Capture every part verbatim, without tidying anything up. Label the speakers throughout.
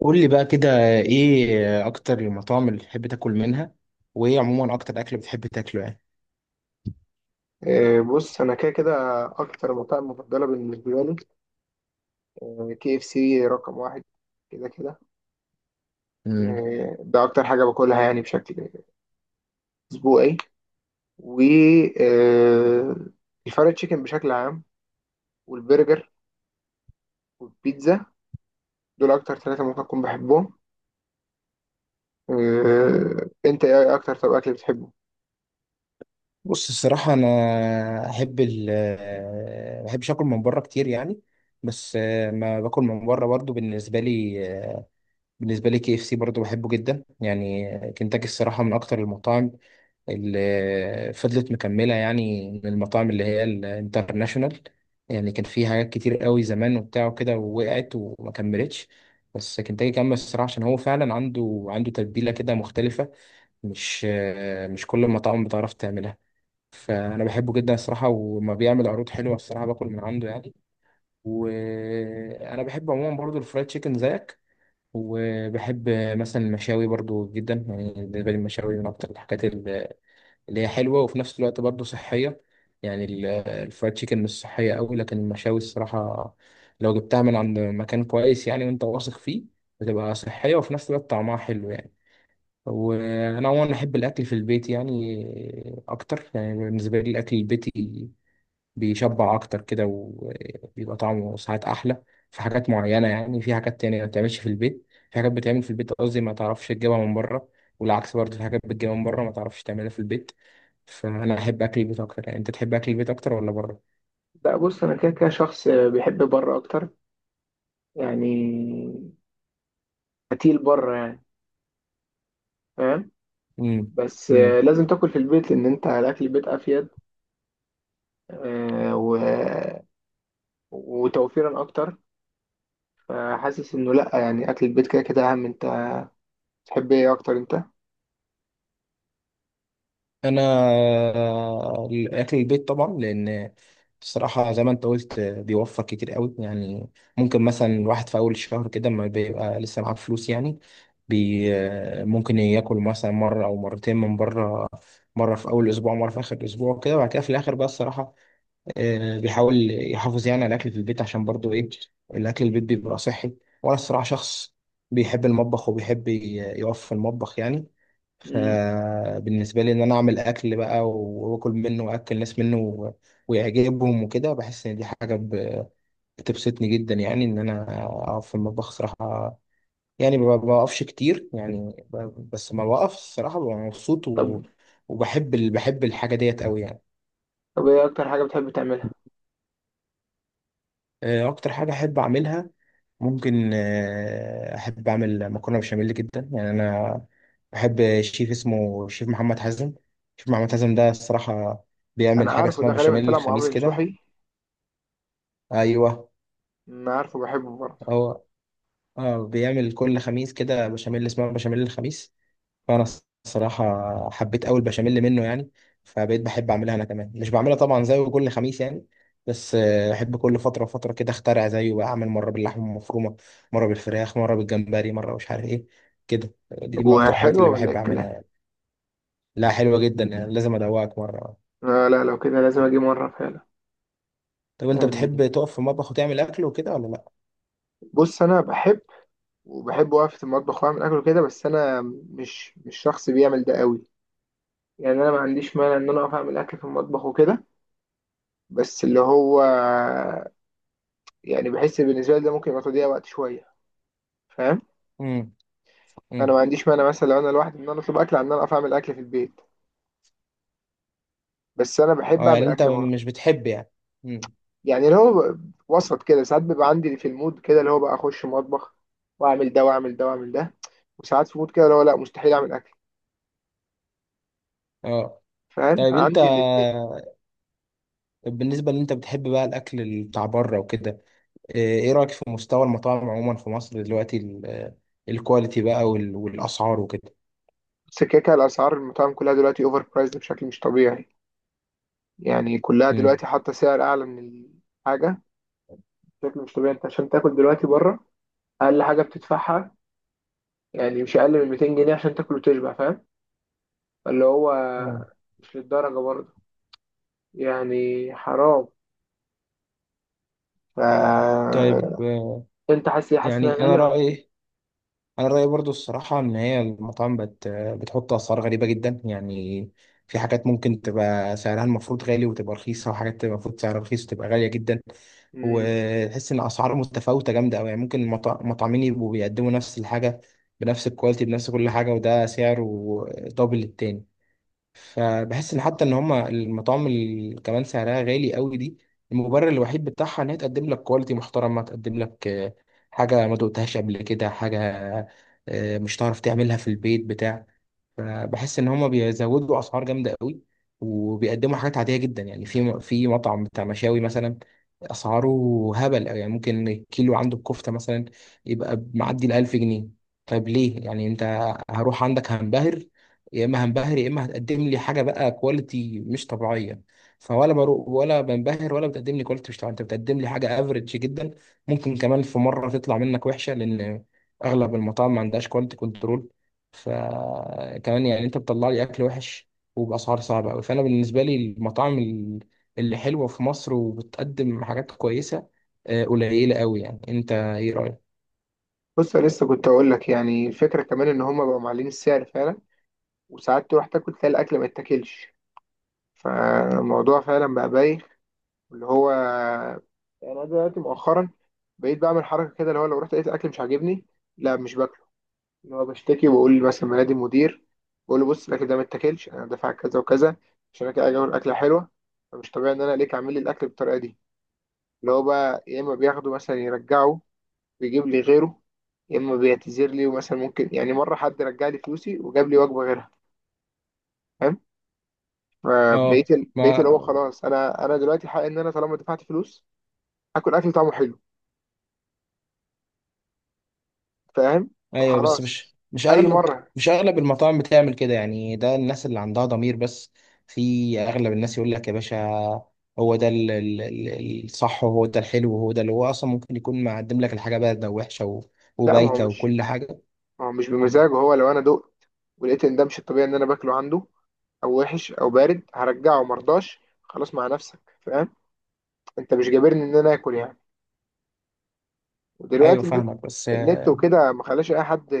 Speaker 1: قول لي بقى كده، ايه اكتر المطاعم اللي بتحب تاكل منها؟ وايه عموما اكتر اكل بتحب تاكله يعني؟
Speaker 2: إيه، بص، انا كده كده اكتر مطاعم مفضله بالنسبه لي. آه، كي اف سي رقم واحد، كده كده.
Speaker 1: مم.
Speaker 2: إيه، ده اكتر حاجه باكلها يعني بشكل اسبوعي. و إيه، الفرايد تشيكن بشكل عام، والبرجر والبيتزا، دول اكتر ثلاثه ممكن اكون بحبهم. إيه، انت ايه اكتر، طب، اكل بتحبه؟
Speaker 1: بص الصراحه، انا احب ال ما بحبش اكل من بره كتير يعني. بس آه، ما باكل من بره برضو بالنسبه لي. بالنسبة لي كي اف سي برضه بحبه جدا يعني. كنتاكي الصراحة من أكتر المطاعم اللي فضلت مكملة، يعني من المطاعم اللي هي الانترناشونال. يعني كان في حاجات كتير قوي زمان وبتاع وكده، ووقعت وما كملتش، بس كنتاكي كمل الصراحة عشان هو فعلا عنده عنده تتبيلة كده مختلفة. مش مش كل المطاعم بتعرف تعملها. فأنا بحبه جدا الصراحة، وما بيعمل عروض حلوة الصراحة باكل من عنده يعني. وأنا بحب عموما برضه الفرايد تشيكن زيك. وبحب مثلا المشاوي برضو جدا، يعني بالنسبة لي المشاوي من أكتر الحاجات ال- اللي هي حلوة وفي نفس الوقت برضو صحية. يعني ال- الفرايد تشيكن مش صحية أوي، لكن المشاوي الصراحة لو جبتها من عند مكان كويس يعني وأنت واثق فيه، بتبقى صحية وفي نفس الوقت طعمها حلو يعني. وأنا عموما أحب الأكل في البيت يعني أكتر، يعني بالنسبة لي الأكل البيتي بيشبع اكتر كده وبيبقى طعمه ساعات احلى. في حاجات معينه، يعني في حاجات تانية ما بتعملش في البيت، في حاجات بتعمل في البيت قصدي ما تعرفش تجيبها من بره، والعكس برضه في حاجات بتجيبها من بره ما تعرفش تعملها في البيت. فانا احب اكل البيت اكتر يعني. انت تحب اكل البيت اكتر ولا بره؟
Speaker 2: لا، بص، انا كده كده شخص بيحب بره اكتر، يعني قتيل بره يعني، فاهم؟ بس آه،
Speaker 1: امم
Speaker 2: لازم تاكل في البيت، لان انت الاكل البيت افيد. آه، و... وتوفيرا اكتر. فحاسس انه لا، يعني اكل البيت كده كده اهم. انت تحب ايه اكتر انت؟
Speaker 1: انا الاكل البيت طبعا، لان بصراحه زي ما انت قلت بيوفر كتير قوي يعني. ممكن مثلا الواحد في اول الشهر كده ما بيبقى لسه معاه فلوس يعني، بي ممكن ياكل مثلا مره او مرتين من بره، مره في اول اسبوع مره في اخر اسبوع كده، وبعد كده في الاخر بقى الصراحه آه، بيحاول يحافظ يعني على الاكل في البيت، عشان برضو ايه، الاكل البيت بيبقى صحي. وانا الصراحه شخص بيحب المطبخ وبيحب ي- يقف في المطبخ يعني.
Speaker 2: مم.
Speaker 1: فبالنسبة لي إن أنا أعمل أكل بقى و- وآكل منه، وأكل ناس منه و- ويعجبهم وكده، بحس إن دي حاجة ب- بتبسطني جدا يعني. إن أنا أقف في المطبخ صراحة يعني، ما بوقفش كتير يعني، ب- بس ما بوقف الصراحة ببقى مبسوط
Speaker 2: طب.
Speaker 1: و- وبحب ال- بحب الحاجة ديت أوي يعني.
Speaker 2: طب، ايه اكتر حاجه بتحب تعملها؟
Speaker 1: آه، أكتر حاجة أحب أعملها ممكن، آه، احب اعمل مكرونه بشاميل جدا، يعني انا بحب شيف اسمه شيف محمد حازم. شيف محمد حازم ده الصراحه
Speaker 2: انا
Speaker 1: بيعمل حاجه
Speaker 2: عارفه
Speaker 1: اسمها
Speaker 2: ده، غالبا
Speaker 1: بشاميل
Speaker 2: طلع مع
Speaker 1: الخميس
Speaker 2: عمرو
Speaker 1: كده.
Speaker 2: نصوحي.
Speaker 1: ايوه.
Speaker 2: انا عارفه، بحبه برضه.
Speaker 1: هو اه بيعمل كل خميس كده بشاميل اسمها بشاميل الخميس. فانا الصراحه حبيت قوي البشاميل منه يعني، فبقيت بحب اعملها انا كمان. مش بعملها طبعا زيه كل خميس يعني، بس آه، بحب كل فتره وفتره كده اخترع زيه بقى، اعمل مره باللحمه المفرومه، مره بالفراخ، مره بالجمبري، مره مش عارف ايه كده. دي من اكتر الحاجات اللي
Speaker 2: وحلو ولا
Speaker 1: بحب
Speaker 2: إيه
Speaker 1: اعملها
Speaker 2: الكلام؟
Speaker 1: يعني. لا، حلوه جدا يعني، لازم ادوقك مره.
Speaker 2: آه، لا، لو كده لازم اجي مره فعلا.
Speaker 1: طب انت
Speaker 2: يعني
Speaker 1: بتحب تقف في المطبخ وتعمل اكل وكده ولا لا؟
Speaker 2: بص، انا بحب، وبحب وقفه المطبخ واعمل اكل كده، بس انا مش مش شخص بيعمل ده قوي. يعني انا ما عنديش مانع ان انا اقف اعمل اكل في المطبخ وكده، بس اللي هو يعني بحس بالنسبه لي ده ممكن يبقى تضييع وقت شويه، فاهم؟
Speaker 1: امم.
Speaker 2: انا ما
Speaker 1: امم.
Speaker 2: عنديش مانع مثلا لو انا لوحدي ان انا اطلب اكل عن ان انا اقف اعمل اكل في البيت، بس انا بحب
Speaker 1: اه، يعني
Speaker 2: اعمل
Speaker 1: انت
Speaker 2: اكل بره.
Speaker 1: مش بتحب يعني. امم.
Speaker 2: يعني اللي هو ب- وسط كده، ساعات بيبقى عندي في المود كده اللي هو بقى اخش مطبخ واعمل ده واعمل ده واعمل ده، وساعات في مود كده اللي هو لا، مستحيل اعمل اكل.
Speaker 1: اه،
Speaker 2: فاهم؟
Speaker 1: طيب انت
Speaker 2: فعندي الاثنين.
Speaker 1: بالنسبه ان انت بتحب بقى الاكل بتاع بره وكده، آه، ايه رأيك في مستوى المطاعم عموما في مصر دلوقتي، ال- الكواليتي بقى وال- والأسعار وكده؟
Speaker 2: بس كده كده، الاسعار المطاعم كلها دلوقتي اوفر برايسد بشكل مش طبيعي، يعني كلها
Speaker 1: مم.
Speaker 2: دلوقتي حاطه سعر اعلى من الحاجه بشكل مش طبيعي. انت عشان تاكل دلوقتي بره، اقل حاجه بتدفعها يعني مش اقل من ميتين جنيه عشان تاكل وتشبع، فاهم؟ اللي هو
Speaker 1: مم.
Speaker 2: مش للدرجه برضه، يعني حرام. ف...
Speaker 1: طيب. آه،
Speaker 2: انت حاسس حاسس انها
Speaker 1: يعني انا
Speaker 2: غاليه ولا؟
Speaker 1: رأيي انا رأيي برضو الصراحة ان هي المطاعم بت بتحط اسعار غريبة جدا يعني. في حاجات ممكن تبقى سعرها المفروض غالي وتبقى رخيصة، وحاجات تبقى المفروض سعرها رخيص وتبقى غالية جدا.
Speaker 2: مم.
Speaker 1: وتحس ان اسعار متفاوتة جامدة قوي، يعني ممكن المطا- المطعمين يبقوا بيقدموا نفس الحاجة بنفس الكواليتي بنفس كل حاجة، وده سعره دبل التاني. فبحس ان حتى ان هما المطاعم اللي كمان سعرها غالي قوي دي، المبرر الوحيد بتاعها ان هي تقدم لك كواليتي محترمه، تقدم لك آه، حاجه ما دقتهاش قبل كده، حاجه آه، مش هتعرف تعملها في البيت بتاع. فبحس ان هما بيزودوا اسعار جامده قوي، وبيقدموا حاجات عاديه جدا يعني. في في مطعم بتاع مشاوي مثلا، اسعاره هبل أوي. يعني ممكن الكيلو عنده الكفته مثلا يبقى معدي ال ألف جنيه. طيب ليه؟ يعني انت هروح عندك هنبهر، يا اما هنبهر يا اما هتقدم لي حاجه بقى كواليتي مش طبيعيه. فولا بروح ولا بنبهر، ولا بتقدم لي كواليتي مش طبيعيه، انت بتقدم لي حاجه افريج جدا، ممكن كمان في مره تطلع منك وحشه، لان اغلب المطاعم ما عندهاش كواليتي كنترول. فكمان يعني انت بتطلع لي اكل وحش وباسعار صعبه قوي. فانا بالنسبه لي المطاعم ال- اللي حلوه في مصر وبتقدم حاجات كويسه آه، قليله قوي يعني. انت ايه رايك؟
Speaker 2: بص، انا لسه كنت اقول لك يعني الفكره، كمان ان هم بقوا معلين السعر فعلا، وساعات تروح تاكل تلاقي الاكل ما يتاكلش. فالموضوع فعلا بقى بايخ. اللي هو يعني انا دلوقتي مؤخرا بقيت بعمل حركه كده، اللي هو لو رحت لقيت الاكل مش عاجبني، لا مش باكله. اللي هو بشتكي وبقول، مثلا منادي المدير، بقول له بص، الاكل ده ما اتاكلش، انا دافع كذا وكذا عشان انا كده اجي اعمل اكله حلوه، فمش طبيعي ان انا ليك عامل لي الاكل بالطريقه دي. اللي هو بقى يا اما بياخده مثلا يرجعه ويجيب لي غيره، يا اما بيعتذر لي، ومثلا ممكن، يعني مره حد رجع لي فلوسي وجاب لي وجبه غيرها، فاهم؟
Speaker 1: اه.
Speaker 2: فبقيت ال- بقيت اللي
Speaker 1: ما.
Speaker 2: هو خلاص، انا انا دلوقتي حق ان انا طالما دفعت فلوس، اكل اكل طعمه حلو، فاهم؟
Speaker 1: ايوه، بس مش
Speaker 2: فخلاص،
Speaker 1: مش
Speaker 2: اي
Speaker 1: اغلب،
Speaker 2: مره.
Speaker 1: مش اغلب المطاعم بتعمل كده يعني. ده الناس اللي عندها ضمير بس، في اغلب الناس يقول لك يا باشا، هو ده ال- ال- ال- الصح وهو ده الحلو، وهو ده اللي هو اصلا ممكن يكون مقدم لك الحاجه بارده ووحشه و-
Speaker 2: لا، ما هو
Speaker 1: وبايته
Speaker 2: مش
Speaker 1: وكل حاجه.
Speaker 2: ما هو مش بمزاجه. هو لو انا دقت ولقيت ان ده مش الطبيعي ان انا باكله عنده، او وحش او بارد، هرجعه. مرضاش؟ خلاص، مع نفسك. فاهم؟ انت مش جابرني ان انا اكل يعني.
Speaker 1: ايوه،
Speaker 2: ودلوقتي النت.
Speaker 1: فاهمك بس.
Speaker 2: النت وكده ما خلاش اي حد،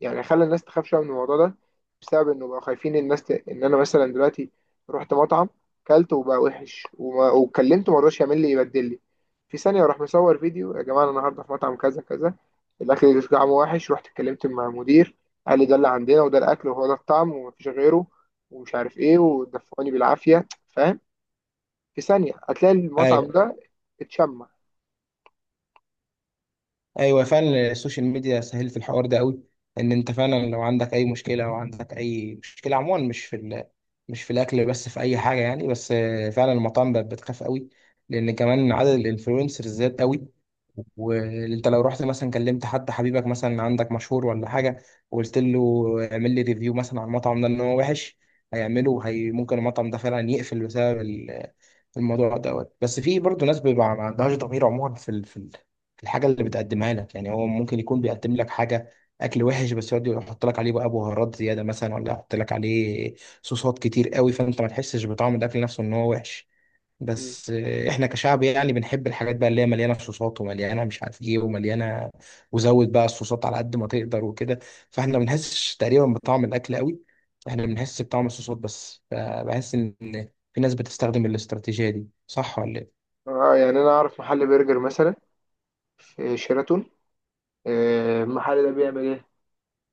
Speaker 2: يعني خلى الناس تخاف شويه من الموضوع ده، بسبب انه بقى خايفين الناس ت... ان انا مثلا دلوقتي رحت مطعم كلت وبقى وحش وما... وكلمته، ما رضاش يعمل لي يبدل لي، في ثانيه راح مصور فيديو: يا جماعه انا النهارده في مطعم كذا كذا، الاكل اللي طعمه وحش، رحت اتكلمت مع المدير قال لي ده اللي عندنا، وده الاكل وهو ده الطعم ومفيش غيره، ومش عارف ايه، ودفعوني بالعافيه، فاهم؟ في ثانيه هتلاقي المطعم
Speaker 1: ايوه،
Speaker 2: ده اتشمع.
Speaker 1: ايوه، فعلا السوشيال ميديا سهل في الحوار ده قوي، ان انت فعلا لو عندك اي مشكله، او عندك اي مشكله عموما، مش في ال... مش في الاكل بس، في اي حاجه يعني. بس آه، فعلا المطاعم بقت بتخاف قوي، لان كمان عدد الانفلونسرز زاد قوي. وانت لو رحت مثلا كلمت حد حبيبك مثلا، عندك مشهور ولا حاجه، وقلت له اعمل لي ريفيو مثلا على المطعم ده ان هو وحش، هيعمله. هي ممكن المطعم ده فعلا يقفل بسبب الموضوع دوت. بس في برضه ناس بيبقى ما عندهاش ضمير عموما، في ال- في ال- في الحاجه اللي بتقدمها لك يعني. هو ممكن يكون بيقدم لك حاجه اكل وحش، بس يقعد يحط لك عليه بقى بهارات زياده مثلا، ولا يحط لك عليه صوصات كتير قوي، فانت ما تحسش بطعم الاكل نفسه ان هو وحش.
Speaker 2: مم.
Speaker 1: بس آه، احنا كشعب يعني بنحب الحاجات بقى اللي هي مليانه صوصات ومليانه مش عارف ايه ومليانه، وزود بقى الصوصات على قد ما تقدر وكده. فاحنا ما بنحسش تقريبا بطعم الاكل قوي، احنا بنحس بطعم الصوصات بس. فبحس ان في ناس بتستخدم الاستراتيجيه دي، صح ولا
Speaker 2: اه، يعني انا اعرف محل برجر مثلا، آه، شيراتون. آه، المحل ده بيعمل ايه؟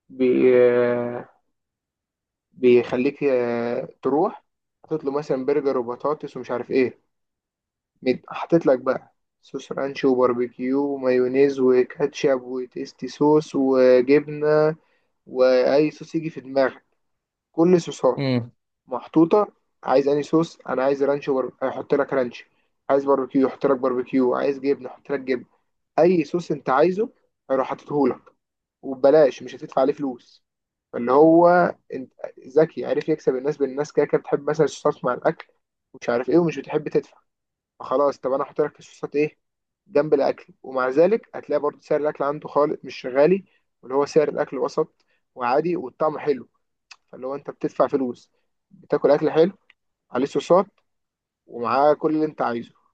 Speaker 2: بي آه، بيخليك آه، تروح، حاطط له مثلا برجر وبطاطس ومش عارف ايه. مد- حاطط لك بقى صوص رانش وباربيكيو ومايونيز وكاتشب وتيستي صوص وجبنة، واي صوص يجي في دماغك، كل صوصات
Speaker 1: ايه؟
Speaker 2: محطوطة. عايز اي صوص؟ انا عايز رانش وبر... هيحط لك رانش، عايز باربيكيو يحط لك باربيكيو، عايز جبنة يحط لك جبنة. اي صوص انت عايزه هيروح حاططهولك، وببلاش، مش هتدفع عليه فلوس. فاللي هو انت ذكي، عارف يكسب الناس، بالناس كده كده بتحب مثلا الصوصات مع الاكل ومش عارف ايه، ومش بتحب تدفع. فخلاص، طب انا هحط لك الصوصات ايه جنب الاكل، ومع ذلك هتلاقي برضه سعر الاكل عنده خالص مش غالي، واللي هو سعر الاكل وسط وعادي والطعم حلو. فاللي هو انت بتدفع فلوس، بتاكل اكل حلو، عليه صوصات، ومعاه كل اللي انت عايزه.